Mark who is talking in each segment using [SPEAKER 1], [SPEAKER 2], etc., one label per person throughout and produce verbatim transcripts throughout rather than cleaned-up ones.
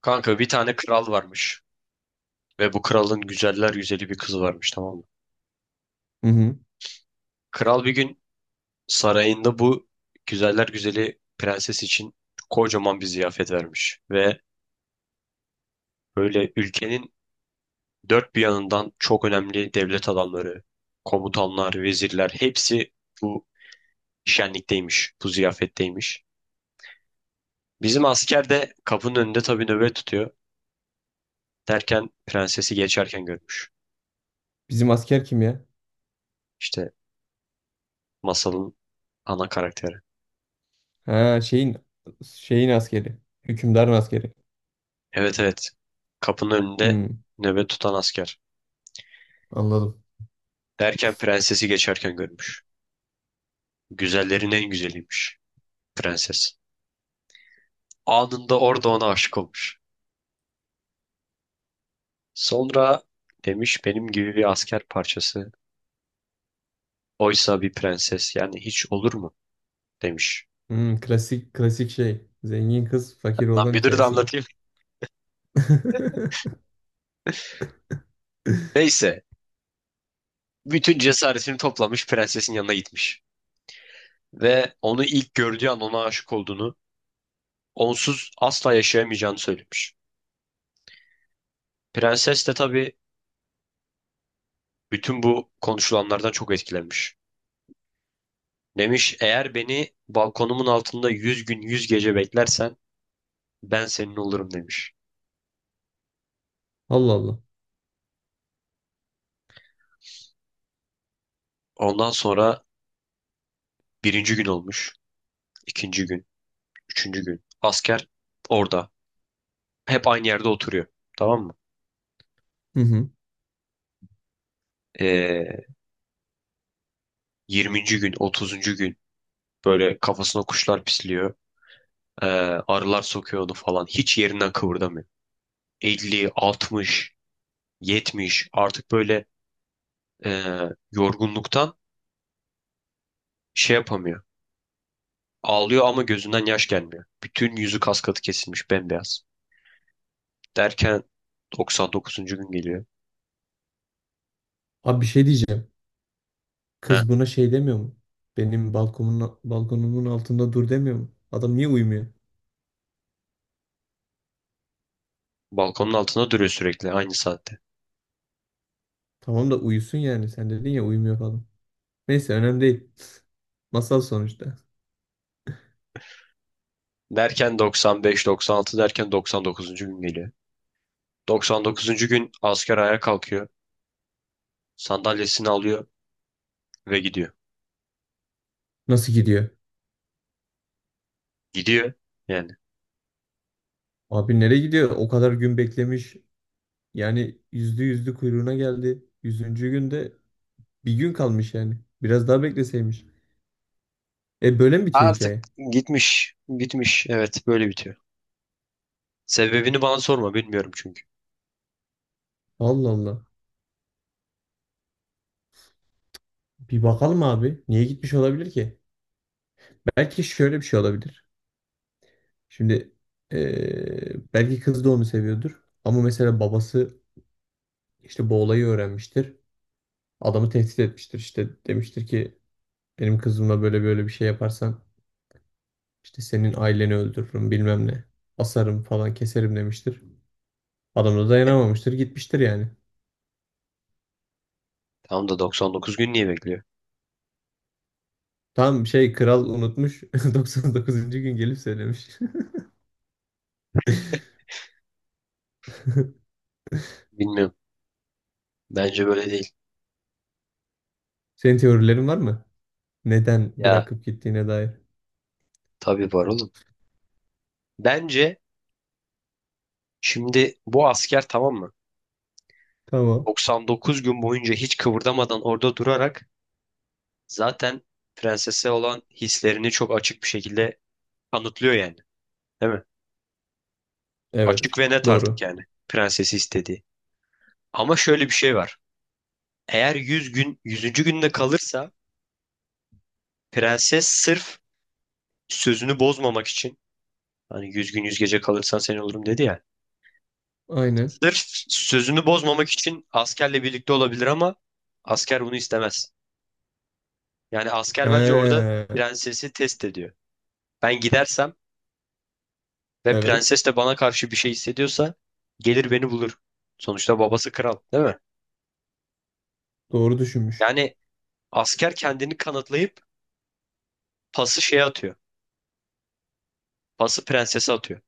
[SPEAKER 1] Kanka bir tane kral varmış ve bu kralın güzeller güzeli bir kızı varmış, tamam mı?
[SPEAKER 2] Hı hı.
[SPEAKER 1] Kral bir gün sarayında bu güzeller güzeli prenses için kocaman bir ziyafet vermiş ve böyle ülkenin dört bir yanından çok önemli devlet adamları, komutanlar, vezirler hepsi bu şenlikteymiş, bu ziyafetteymiş. Bizim asker de kapının önünde tabii nöbet tutuyor, derken prensesi geçerken görmüş.
[SPEAKER 2] Bizim asker kim ya?
[SPEAKER 1] İşte masalın ana karakteri.
[SPEAKER 2] Ha şeyin şeyin askeri. Hükümdarın askeri.
[SPEAKER 1] Evet, evet. Kapının önünde
[SPEAKER 2] Hı.
[SPEAKER 1] nöbet tutan asker.
[SPEAKER 2] Anladım.
[SPEAKER 1] Derken prensesi geçerken görmüş. Güzellerin en güzeliymiş prenses. Anında orada ona aşık olmuş. Sonra demiş benim gibi bir asker parçası. Oysa bir prenses, yani hiç olur mu? Demiş.
[SPEAKER 2] Hı, klasik klasik şey. Zengin kız fakir
[SPEAKER 1] Lan
[SPEAKER 2] oğlan
[SPEAKER 1] bir dur da
[SPEAKER 2] hikayesi mi?
[SPEAKER 1] anlatayım. Neyse. Bütün cesaretini toplamış, prensesin yanına gitmiş. Ve onu ilk gördüğü an ona aşık olduğunu, onsuz asla yaşayamayacağını söylemiş. Prenses de tabii bütün bu konuşulanlardan çok etkilenmiş. Demiş eğer beni balkonumun altında yüz gün yüz gece beklersen ben senin olurum demiş.
[SPEAKER 2] Allah Allah.
[SPEAKER 1] Ondan sonra birinci gün olmuş. İkinci gün. Üçüncü gün. Asker orada. Hep aynı yerde oturuyor. Tamam mı?
[SPEAKER 2] Hı hı.
[SPEAKER 1] Ee, yirminci gün, otuzuncu gün, böyle kafasına kuşlar pisliyor. Ee, arılar sokuyor onu falan. Hiç yerinden kıvırdamıyor. Elli, altmış, yetmiş, artık böyle e, yorgunluktan şey yapamıyor. Ağlıyor ama gözünden yaş gelmiyor. Bütün yüzü kas katı kesilmiş, bembeyaz. Derken doksan dokuzuncu gün geliyor.
[SPEAKER 2] Abi bir şey diyeceğim.
[SPEAKER 1] Heh,
[SPEAKER 2] Kız buna şey demiyor mu? Benim balkonumun balkonumun altında dur demiyor mu? Adam niye uyumuyor?
[SPEAKER 1] balkonun altında duruyor sürekli aynı saatte.
[SPEAKER 2] Tamam da uyusun yani. Sen dedin ya uyumuyor falan. Neyse önemli değil. Masal sonuçta.
[SPEAKER 1] Derken doksan beş, doksan altı derken doksan dokuzuncu gün geliyor. doksan dokuzuncu gün asker ayağa kalkıyor. Sandalyesini alıyor ve gidiyor.
[SPEAKER 2] Nasıl gidiyor?
[SPEAKER 1] Gidiyor yani.
[SPEAKER 2] Abi nereye gidiyor? O kadar gün beklemiş. Yani yüzde yüzde kuyruğuna geldi. Yüzüncü günde bir gün kalmış yani. Biraz daha bekleseymiş. E böyle mi bitiyor
[SPEAKER 1] Artık
[SPEAKER 2] hikaye?
[SPEAKER 1] gitmiş, gitmiş. Evet, böyle bitiyor. Sebebini bana sorma, bilmiyorum çünkü.
[SPEAKER 2] Allah Allah. Bir bakalım abi. Niye gitmiş olabilir ki? Belki şöyle bir şey olabilir. Şimdi eee, belki kız da onu seviyordur. Ama mesela babası işte bu olayı öğrenmiştir. Adamı tehdit etmiştir. İşte demiştir ki benim kızımla böyle böyle bir şey yaparsan işte senin aileni öldürürüm bilmem ne. Asarım falan keserim demiştir. Adam da
[SPEAKER 1] Yani
[SPEAKER 2] dayanamamıştır gitmiştir yani.
[SPEAKER 1] tam da doksan dokuz gün niye bekliyor?
[SPEAKER 2] Tam şey kral unutmuş. doksan dokuzuncu gün gelip söylemiş.
[SPEAKER 1] Bilmiyorum. Bence böyle değil.
[SPEAKER 2] Senin teorilerin var mı? Neden
[SPEAKER 1] Ya
[SPEAKER 2] bırakıp gittiğine dair.
[SPEAKER 1] tabii var oğlum. Bence, şimdi bu asker, tamam mı?
[SPEAKER 2] Tamam.
[SPEAKER 1] doksan dokuz gün boyunca hiç kıvırdamadan orada durarak zaten prensese olan hislerini çok açık bir şekilde kanıtlıyor yani. Değil mi?
[SPEAKER 2] Evet.
[SPEAKER 1] Açık ve net artık,
[SPEAKER 2] Doğru.
[SPEAKER 1] yani prensesi istediği. Ama şöyle bir şey var. Eğer yüz gün yüzüncü. günde kalırsa, prenses sırf sözünü bozmamak için, hani yüz gün yüz gece kalırsan seni olurum dedi ya,
[SPEAKER 2] Aynen.
[SPEAKER 1] sırf sözünü bozmamak için askerle birlikte olabilir, ama asker bunu istemez. Yani asker bence orada
[SPEAKER 2] He.
[SPEAKER 1] prensesi test ediyor. Ben gidersem ve
[SPEAKER 2] Evet.
[SPEAKER 1] prenses de bana karşı bir şey hissediyorsa gelir beni bulur. Sonuçta babası kral, değil mi?
[SPEAKER 2] Doğru düşünmüş.
[SPEAKER 1] Yani asker kendini kanıtlayıp pası şeye atıyor. Pası prensese atıyor.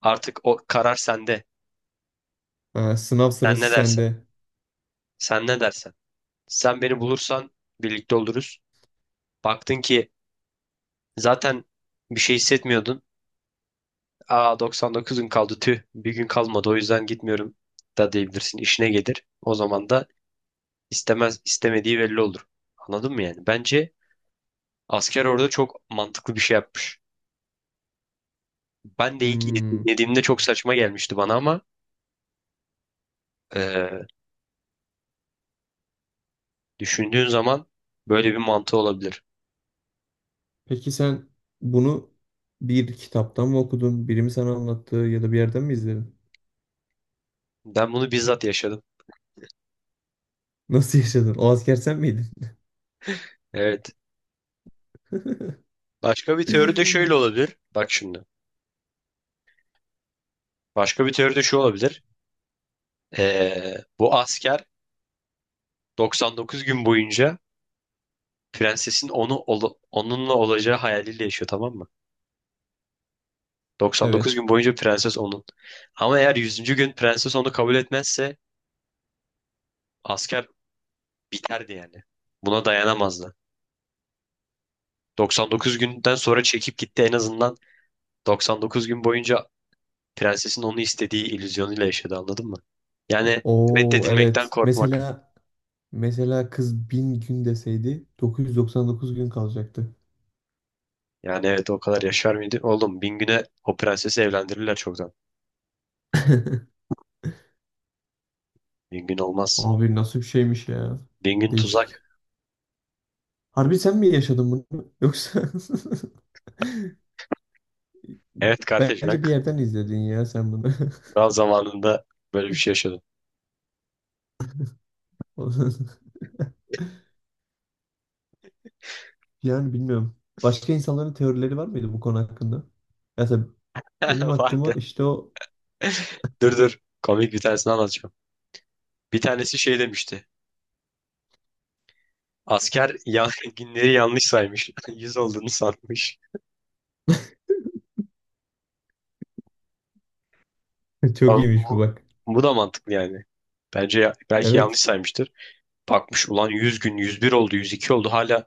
[SPEAKER 1] Artık o karar sende.
[SPEAKER 2] Ha, sınav
[SPEAKER 1] Sen
[SPEAKER 2] sırası
[SPEAKER 1] ne dersen.
[SPEAKER 2] sende.
[SPEAKER 1] Sen ne dersen. Sen beni bulursan birlikte oluruz. Baktın ki zaten bir şey hissetmiyordun. Aa, doksan dokuz gün kaldı, tüh. Bir gün kalmadı, o yüzden gitmiyorum da diyebilirsin. İşine gelir. O zaman da istemez, istemediği belli olur. Anladın mı yani? Bence asker orada çok mantıklı bir şey yapmış. Ben de ilk
[SPEAKER 2] Hmm.
[SPEAKER 1] yediğimde çok saçma gelmişti bana ama e, düşündüğün zaman böyle bir mantığı olabilir.
[SPEAKER 2] Peki sen bunu bir kitaptan mı okudun? Biri mi sana anlattı ya da bir yerden mi izledin?
[SPEAKER 1] Ben bunu bizzat yaşadım.
[SPEAKER 2] Nasıl yaşadın? O asker sen miydin?
[SPEAKER 1] Evet. Başka bir teori de şöyle olabilir. Bak şimdi. Başka bir teori de şu olabilir. E, bu asker doksan dokuz gün boyunca prensesin onu ol- onunla olacağı hayaliyle yaşıyor, tamam mı? doksan dokuz
[SPEAKER 2] Evet.
[SPEAKER 1] gün boyunca prenses onun. Ama eğer yüzüncü. gün prenses onu kabul etmezse asker biterdi yani. Buna dayanamazdı. doksan dokuz günden sonra çekip gitti, en azından doksan dokuz gün boyunca prensesin onu istediği illüzyonuyla yaşadı, anladın mı? Yani
[SPEAKER 2] Oo
[SPEAKER 1] reddedilmekten
[SPEAKER 2] evet.
[SPEAKER 1] korkmak.
[SPEAKER 2] Mesela mesela kız bin gün deseydi dokuz yüz doksan dokuz gün kalacaktı.
[SPEAKER 1] Yani evet, o kadar yaşar mıydı? Oğlum, bin güne o prensesi evlendirirler çoktan. Bin gün olmaz.
[SPEAKER 2] Abi nasıl bir şeymiş ya.
[SPEAKER 1] Bin gün
[SPEAKER 2] Değişik.
[SPEAKER 1] tuzak.
[SPEAKER 2] Harbi sen mi yaşadın bunu? Yoksa
[SPEAKER 1] Evet kardeş, ben
[SPEAKER 2] bence bir yerden izledin ya sen bunu.
[SPEAKER 1] daha zamanında böyle bir şey yaşadım.
[SPEAKER 2] Yani bilmiyorum. Başka insanların teorileri var mıydı bu konu hakkında? Mesela benim aklıma
[SPEAKER 1] Vardı.
[SPEAKER 2] işte o
[SPEAKER 1] Dur, dur. Komik bir tanesini anlatacağım. Bir tanesi şey demişti. Asker ya, günleri yanlış saymış. yüz olduğunu sanmış.
[SPEAKER 2] çok
[SPEAKER 1] Ama
[SPEAKER 2] iyiymiş bu
[SPEAKER 1] bu,
[SPEAKER 2] bak.
[SPEAKER 1] bu da mantıklı yani. Bence ya- belki yanlış
[SPEAKER 2] Evet.
[SPEAKER 1] saymıştır. Bakmış ulan yüz gün, yüz bir oldu, yüz iki oldu, hala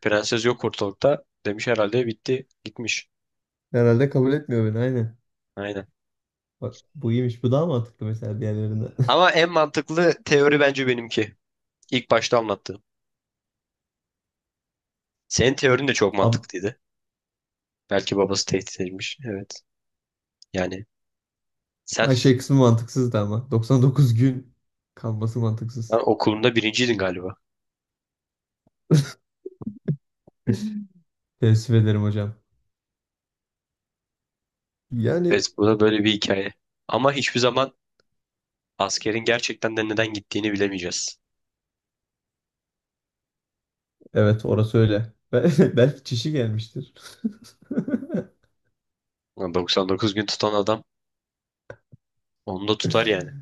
[SPEAKER 1] prenses yok ortalıkta. Demiş herhalde bitti, gitmiş.
[SPEAKER 2] Herhalde kabul etmiyor beni. Aynen.
[SPEAKER 1] Aynen.
[SPEAKER 2] Bak bu iyiymiş. Bu daha mantıklı mesela diğerlerinden.
[SPEAKER 1] Ama en mantıklı teori bence benimki. İlk başta anlattığım. Senin teorin de çok
[SPEAKER 2] Abi,
[SPEAKER 1] mantıklıydı. Belki babası tehdit etmiş. Evet. Yani sen,
[SPEAKER 2] Ayşe kısmı mantıksızdı ama. doksan dokuz gün kalması
[SPEAKER 1] sen
[SPEAKER 2] mantıksız.
[SPEAKER 1] okulunda birinciydin galiba.
[SPEAKER 2] Teessüf ederim hocam. Yani
[SPEAKER 1] Evet, bu da böyle bir hikaye. Ama hiçbir zaman askerin gerçekten de neden gittiğini bilemeyeceğiz.
[SPEAKER 2] evet orası öyle. Bel- Belki çişi gelmiştir.
[SPEAKER 1] Ulan, doksan dokuz gün tutan adam onu da tutar yani.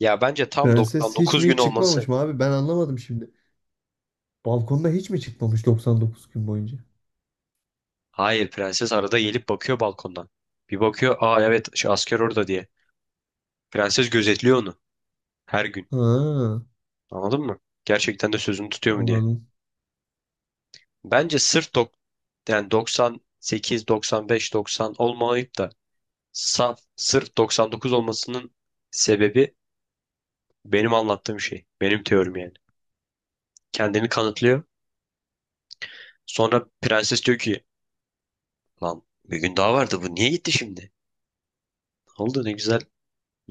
[SPEAKER 1] Ya bence tam
[SPEAKER 2] Prenses hiç
[SPEAKER 1] doksan dokuz
[SPEAKER 2] mi
[SPEAKER 1] gün
[SPEAKER 2] hiç
[SPEAKER 1] olması.
[SPEAKER 2] çıkmamış mı abi? Ben anlamadım şimdi. Balkonda hiç mi çıkmamış doksan dokuz gün boyunca?
[SPEAKER 1] Hayır, prenses arada gelip bakıyor balkondan. Bir bakıyor, aa evet şu asker orada diye. Prenses gözetliyor onu her gün.
[SPEAKER 2] Ha,
[SPEAKER 1] Anladın mı? Gerçekten de sözünü tutuyor mu diye.
[SPEAKER 2] anladım.
[SPEAKER 1] Bence sırf dok yani doksan sekiz, doksan beş, doksan olmayıp da saf sırf doksan dokuz olmasının sebebi benim anlattığım şey. Benim teorim yani. Kendini kanıtlıyor. Sonra prenses diyor ki lan bir gün daha vardı, bu niye gitti şimdi? Ne oldu, ne güzel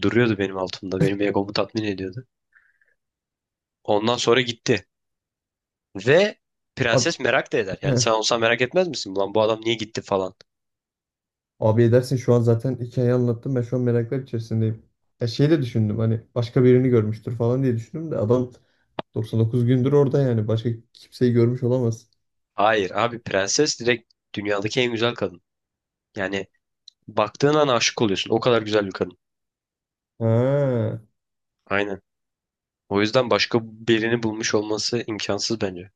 [SPEAKER 1] duruyordu benim altımda. Benim egomu tatmin ediyordu. Ondan sonra gitti. Ve
[SPEAKER 2] Abi,
[SPEAKER 1] prenses merak da eder. Yani sen olsan merak etmez misin? Ulan bu adam niye gitti falan.
[SPEAKER 2] abi edersin şu an zaten hikayeyi anlattım. Ben şu an meraklar içerisindeyim. Ya şey de düşündüm hani başka birini görmüştür falan diye düşündüm de adam doksan dokuz gündür orada yani. Başka kimseyi görmüş olamaz.
[SPEAKER 1] Hayır abi, prenses direkt dünyadaki en güzel kadın. Yani baktığın an aşık oluyorsun. O kadar güzel bir kadın.
[SPEAKER 2] Ha.
[SPEAKER 1] Aynen. O yüzden başka birini bulmuş olması imkansız bence.